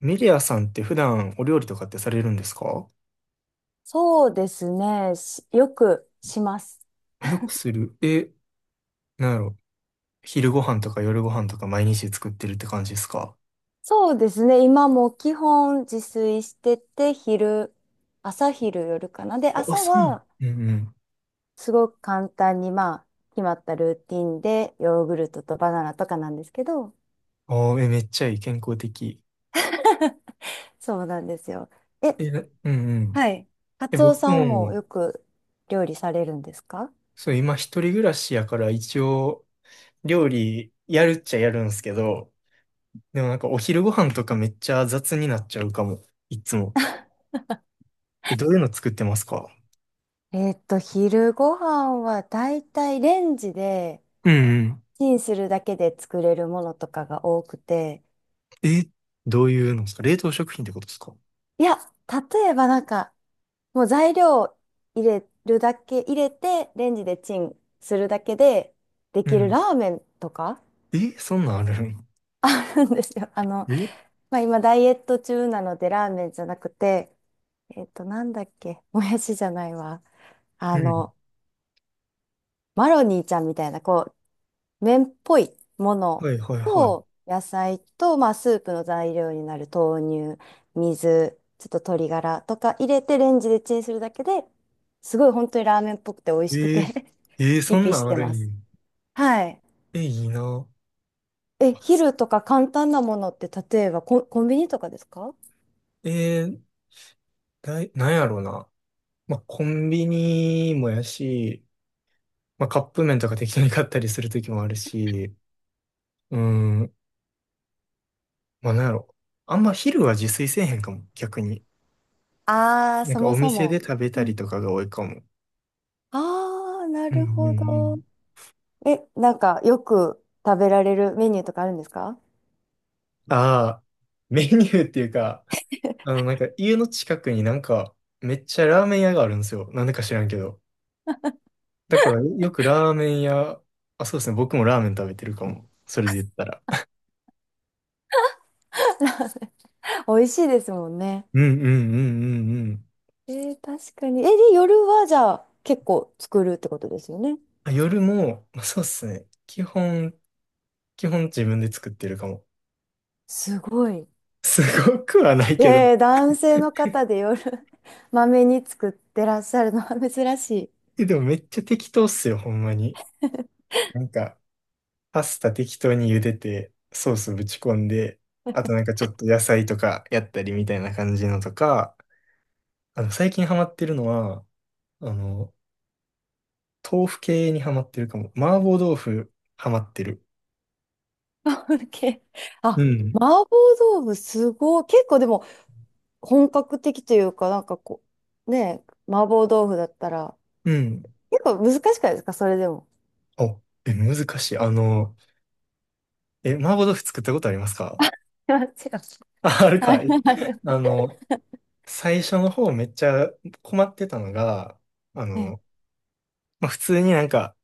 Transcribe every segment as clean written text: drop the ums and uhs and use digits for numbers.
メディアさんって普段お料理とかってされるんですか？そうですね。よくします。あ、よくする。え、なんやろ。昼ご飯とか夜ご飯とか毎日作ってるって感じですか？そうですね。今も基本自炊してて、朝昼夜かな。で、あ、あ朝そうなの。はうんうん。すごく簡単に、まあ、決まったルーティンで、ヨーグルトとバナナとかなんですけど、あー、え、めっちゃいい。健康的。そうなんですよ。え、え、な、うんうん。はい。カえ、ツオ僕さんもも、よく料理されるんですか？そう、今一人暮らしやから一応料理やるっちゃやるんですけど、でもお昼ご飯とかめっちゃ雑になっちゃうかも。いつも。え、どういうの作ってますか？昼ご飯はだいたいレンジでうんうん。チンするだけで作れるものとかが多くて、え、どういうのですか？冷凍食品ってことですか？いや、例えばなんか、もう材料を入れるだけ、入れて、レンジでチンするだけででうきるん。ラーメンとか え、そんなんあるん？ あるんですよ。あの、え、まあ、今ダイエット中なのでラーメンじゃなくて、なんだっけ、もやしじゃないわ。うあん。の、マロニーちゃんみたいな、こう、麺っぽいものはいはいは。と野菜と、まあ、スープの材料になる豆乳、水、ちょっと鶏ガラとか入れてレンジでチンするだけで、すごい本当にラーメンっぽくて美味い。しくて えー、リそんピなしんあてるまんや。す。はい。え、いいな。え、あ、す、昼とか簡単なものって例えばコンビニとかですか？えー、だい、なんやろうな。まあ、コンビニもやし、まあ、カップ麺とか適当に買ったりするときもあるし、うん、まあ、なんやろ。あんま昼は自炊せえへんかも、逆に。ああー、なんそかもおそ店でも。食べたうりん。とかが多いかも。ああ、なうんうるんうほど。ん。え、なんかよく食べられるメニューとかあるんですか？ ああ、メニューっていうか、なんか家の近くにめっちゃラーメン屋があるんですよ。なんでか知らんけど。だからよくラーメン屋、あ、そうですね。僕もラーメン食べてるかも。それで言ったら。美味しいですもんね。うんうんうんうんうん。えー、確かに。え、で、夜はじゃあ結構作るってことですよね。あ、夜も、まあそうですね。基本自分で作ってるかも。すごい。すごくはないけど。えー、男性の方で夜 まめに作ってらっしゃるのは 珍しい。え、でもめっちゃ適当っすよ、ほんまに。なんか、パスタ適当に茹でて、ソースぶち込んで、あとちょっと野菜とかやったりみたいな感じのとか、最近ハマってるのは、あの、豆腐系にハマってるかも。麻婆豆腐ハマってる。あ、オッケー、うあ、ん。麻婆豆腐すごい。結構でも本格的というか、なんかこう、ねえ、麻婆豆腐だったら、うん。結構難しくないですかそれでも？お、え、難しい。え、麻婆豆腐作ったことありますか？ 違う。あ、ある あかるい。ある。あの、最初の方めっちゃ困ってたのが、あはい。の、まあ、普通に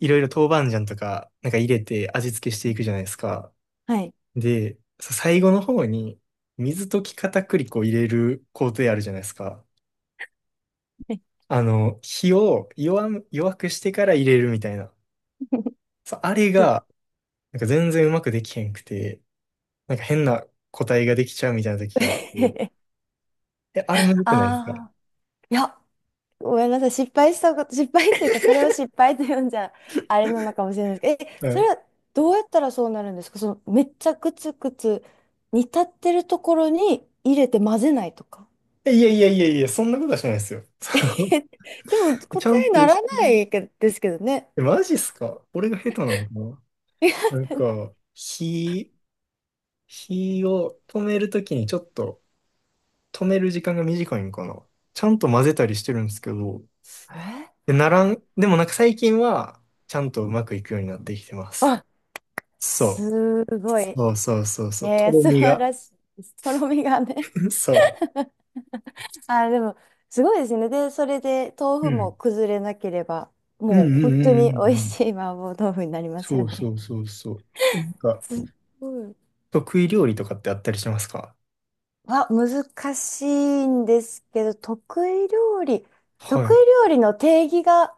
いろいろ豆板醤とか、なんか入れて味付けしていくじゃないですか。はい。で、さ、最後の方に水溶き片栗粉を入れる工程あるじゃないですか。はい。 火を弱む、弱くしてから入れるみたいな。そうあれが、全然うまくできへんくて、なんか変な個体ができちゃうみたいな時があって、え、あれむずくないですか？ああー、いや、ごめんなさい。失敗したこと、失敗というか、それを失敗と呼んじゃ、あれなのかもしれないですけど、うそれん。はどうやったらそうなるんですか？その、めっちゃくつくつ煮立ってるところに入れて混ぜないとか。え、いやいやいやいや、そんなことはしないですよ。そ えでもう、 答ちゃんえとな火、らないけですけどね。え、マジっすか？俺が下手なのかえな。火、火を止めるときにちょっと、止める時間が短いんかな。ちゃんと混ぜたりしてるんですけど、で、ならん、でもなんか最近は、ちゃんとうまくいくようになってきてます。あ、そすう。ごい。そうそうそういそう。やいとや、ろ素み晴が。らしいです。とろみがね。そあ、でも、すごいですね。で、それで豆う。う腐もん。崩れなければ、うんうもうん本うんう当んに美う味しん。い麻婆豆腐になりますそようそね。うそうそう。え、なんか、すごい。得意料理とかってあったりしますか？は、難しいんですけど、得は意い。料理の定義が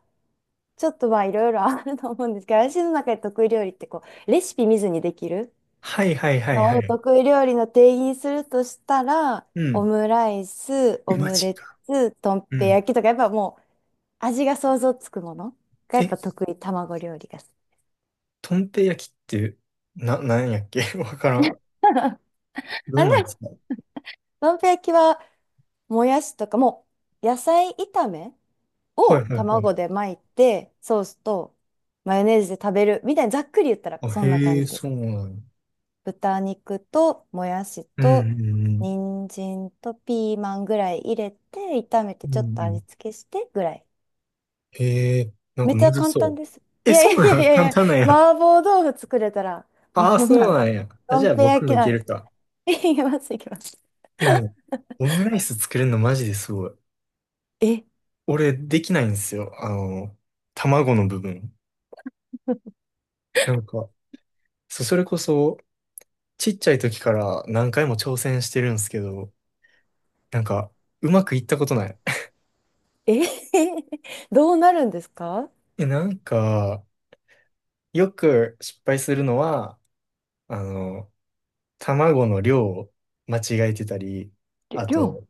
ちょっとまあいろいろあると思うんですけど、私の中で得意料理ってこう、レシピ見ずにできるはいはいはいはのをい。得意料理の定義にするとしたら、うオん。ムライス、え、オマムジレか。ツ、とんうぺん。焼きとか、やっぱもう味が想像つくものがやっえ、ぱ得意、卵料理が。とんぺ焼きって、な、なんやっけ？ わからん。あ、どでんなんでも、すか？とんぺ焼きはもやしとか、もう野菜炒めはをいはいはい。卵で巻いて、ソースとマヨネーズで食べるみたいにざっくり言ったらあ、そんなへ感え、じでそす。うなんや。豚肉ともやしうんとうんうん。人参とピーマンぐらい入れて、炒めてうんちょうっと味ん。付けしてぐらい。へえ、なんめかっちむゃず簡そ単う。です。いえ、やそいうやいなん？ 簡やいや、単なんや。麻婆豆腐作れたら、もうああ、そんそなうん、なんや。あ、どじゃんあぺ僕焼もきいなけんるか。か。いきます、いきます。え、でも、オムライス作れるのマジですごい。え、俺、できないんですよ。卵の部分。なんか、そ、それこそ、ちっちゃい時から何回も挑戦してるんですけど、なんか、うまくいったことない。え、どうなるんですか？ え、よく失敗するのは、あの、卵の量を間違えてたり、あ量。と、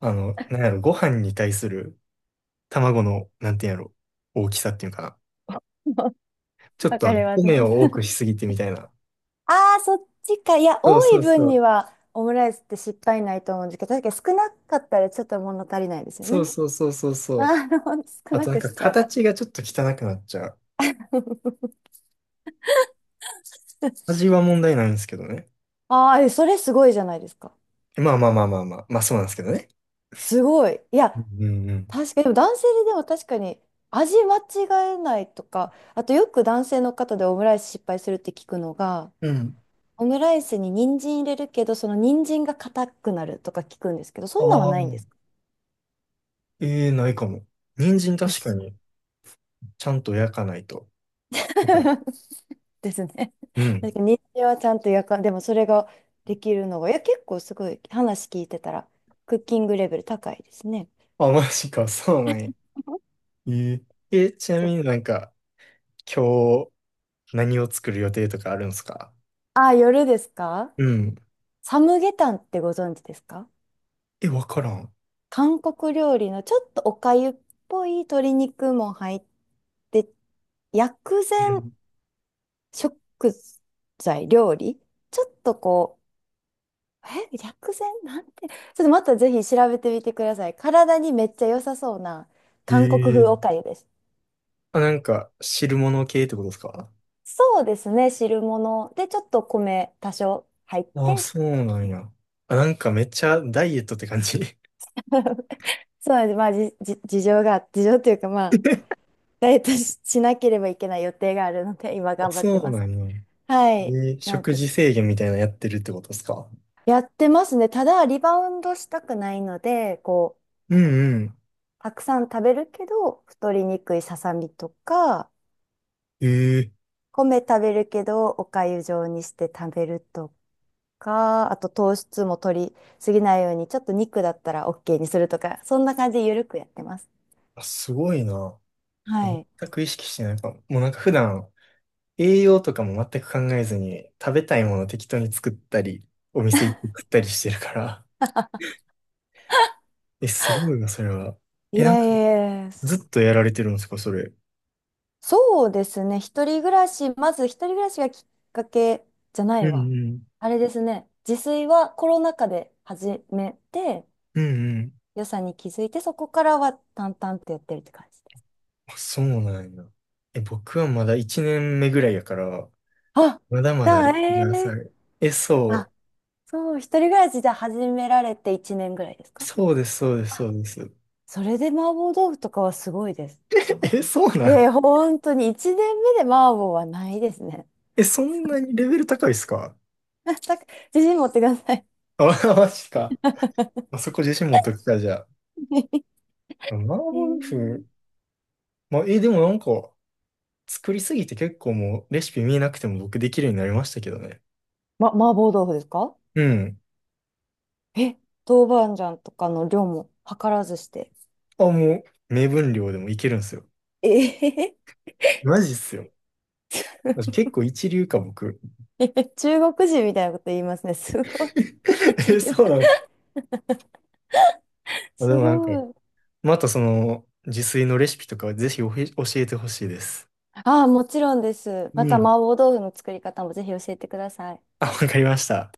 あの、なんやろ、ご飯に対する卵の、なんていうんやろ、大きさっていうかな。ちょっわとかりま米を多す。くしすぎてみたいな。ああ、そっちか。いや、そう多そいう分そにう。はオムライスって失敗ないと思うんですけど、確かに少なかったらちょっと物足りないですよそうね。そうそうそうそう。ああ、ほんと少あなとなんくかしちゃ形がちょっと汚くなっちゃう。う。味は問題ないんですけどね。ああ、えそれすごいじゃないですか。まあまあまあまあまあ。まあそうなんですけどね。すごい。いうや、んうんうん。確かに、でも男性ででも確かに味間違えないとか、あとよく男性の方でオムライス失敗するって聞くのが、うん。オムライスに人参入れるけど、その人参が硬くなるとか聞くんですけど、そんなんはああ、ないんですか？ ええ、ないかも。人参確かに、ちゃんと焼かないと。はい、 ですね。うん。だけど日中はちゃんとやかでもそれができるのが、いや、結構すごい話聞いてたら、クッキングレベル高いですね。あ、マジか、そうなんや。え、ええ、ちなそみう、に今日、何を作る予定とかあるんですか？あ、夜ですか？うん。サムゲタンってご存知ですか？え、わからん。韓国料理のちょっとおかゆっぽい鶏肉も入って、薬う膳ん、食材、料理ちょっとこう、薬膳なんて、ちょっとまたぜひ調べてみてください。体にめっちゃ良さそうな韓国風ええ、おかゆです。あ、汁物系ってことですか？そうですね、汁物でちょっと米多少入っあ、て、そうなんや。あ、なんかめっちゃダイエットって感じ。そうなんです。まあ、事情というかまあ、ダイエットしなければいけない予定があるので、今あ、頑張ってそうます。なんや。はい。えー、なん食て、事制限みたいなのやってるってことですか？やってますね。ただ、リバウンドしたくないので、こう、うんうん。たくさん食べるけど、太りにくいささみとか、ええ、米食べるけど、お粥状にして食べるとか、あと糖質も取りすぎないように、ちょっと肉だったら OK にするとか、そんな感じでゆるくやってます。あ、すごいな。は全い。く意識してないかも。もう普段、栄養とかも全く考えずに、食べたいもの適当に作ったり、お店行って食ったりしてるから。え、すごいな、それは。いえ、なんやいかやいや、ずっとやられてるんですか、それ。そうですね。一人暮らし、まず一人暮らしがきっかけじゃないうわ。んうん。あれですね。自炊はコロナ禍で始めて、うんうん。良さに気づいて、そこからは淡々とやってるって感じです。あ、そうなんや。え、僕はまだ1年目ぐらいやから、あ、まだまじだゃあ、歴が浅えい。え、あ、そそう、一人暮らしじゃ始められて1年ぐらいですう。か？そうです、そうです、あ、そうです。それで麻婆豆腐とかはすごいです。え、そういなやいん。や、本当に1年目で麻婆はないですね。え、そんなにレベル高いっすか？ だから自信持ってください。あ、マジか。あそこ自信持っときた、じゃあ。麻婆え豆腐。ーまあ、え、でも作りすぎて結構もうレシピ見えなくても僕できるようになりましたけどね。麻婆豆腐ですか？うん。え、豆板醤とかの量も計らずして。あ、もう、目分量でもいけるんすよ。ええ。 マジっすよ。結構一流か、僕。中国人みたいなこと言いますね。すごい。一え、流。そうなんですか。あ、ですもなんか、ごい。またその、自炊のレシピとかはぜひお、へ、教えてほしいです。ああ、もちろんです。まうた麻ん。婆豆腐の作り方もぜひ教えてください。あ、わかりました。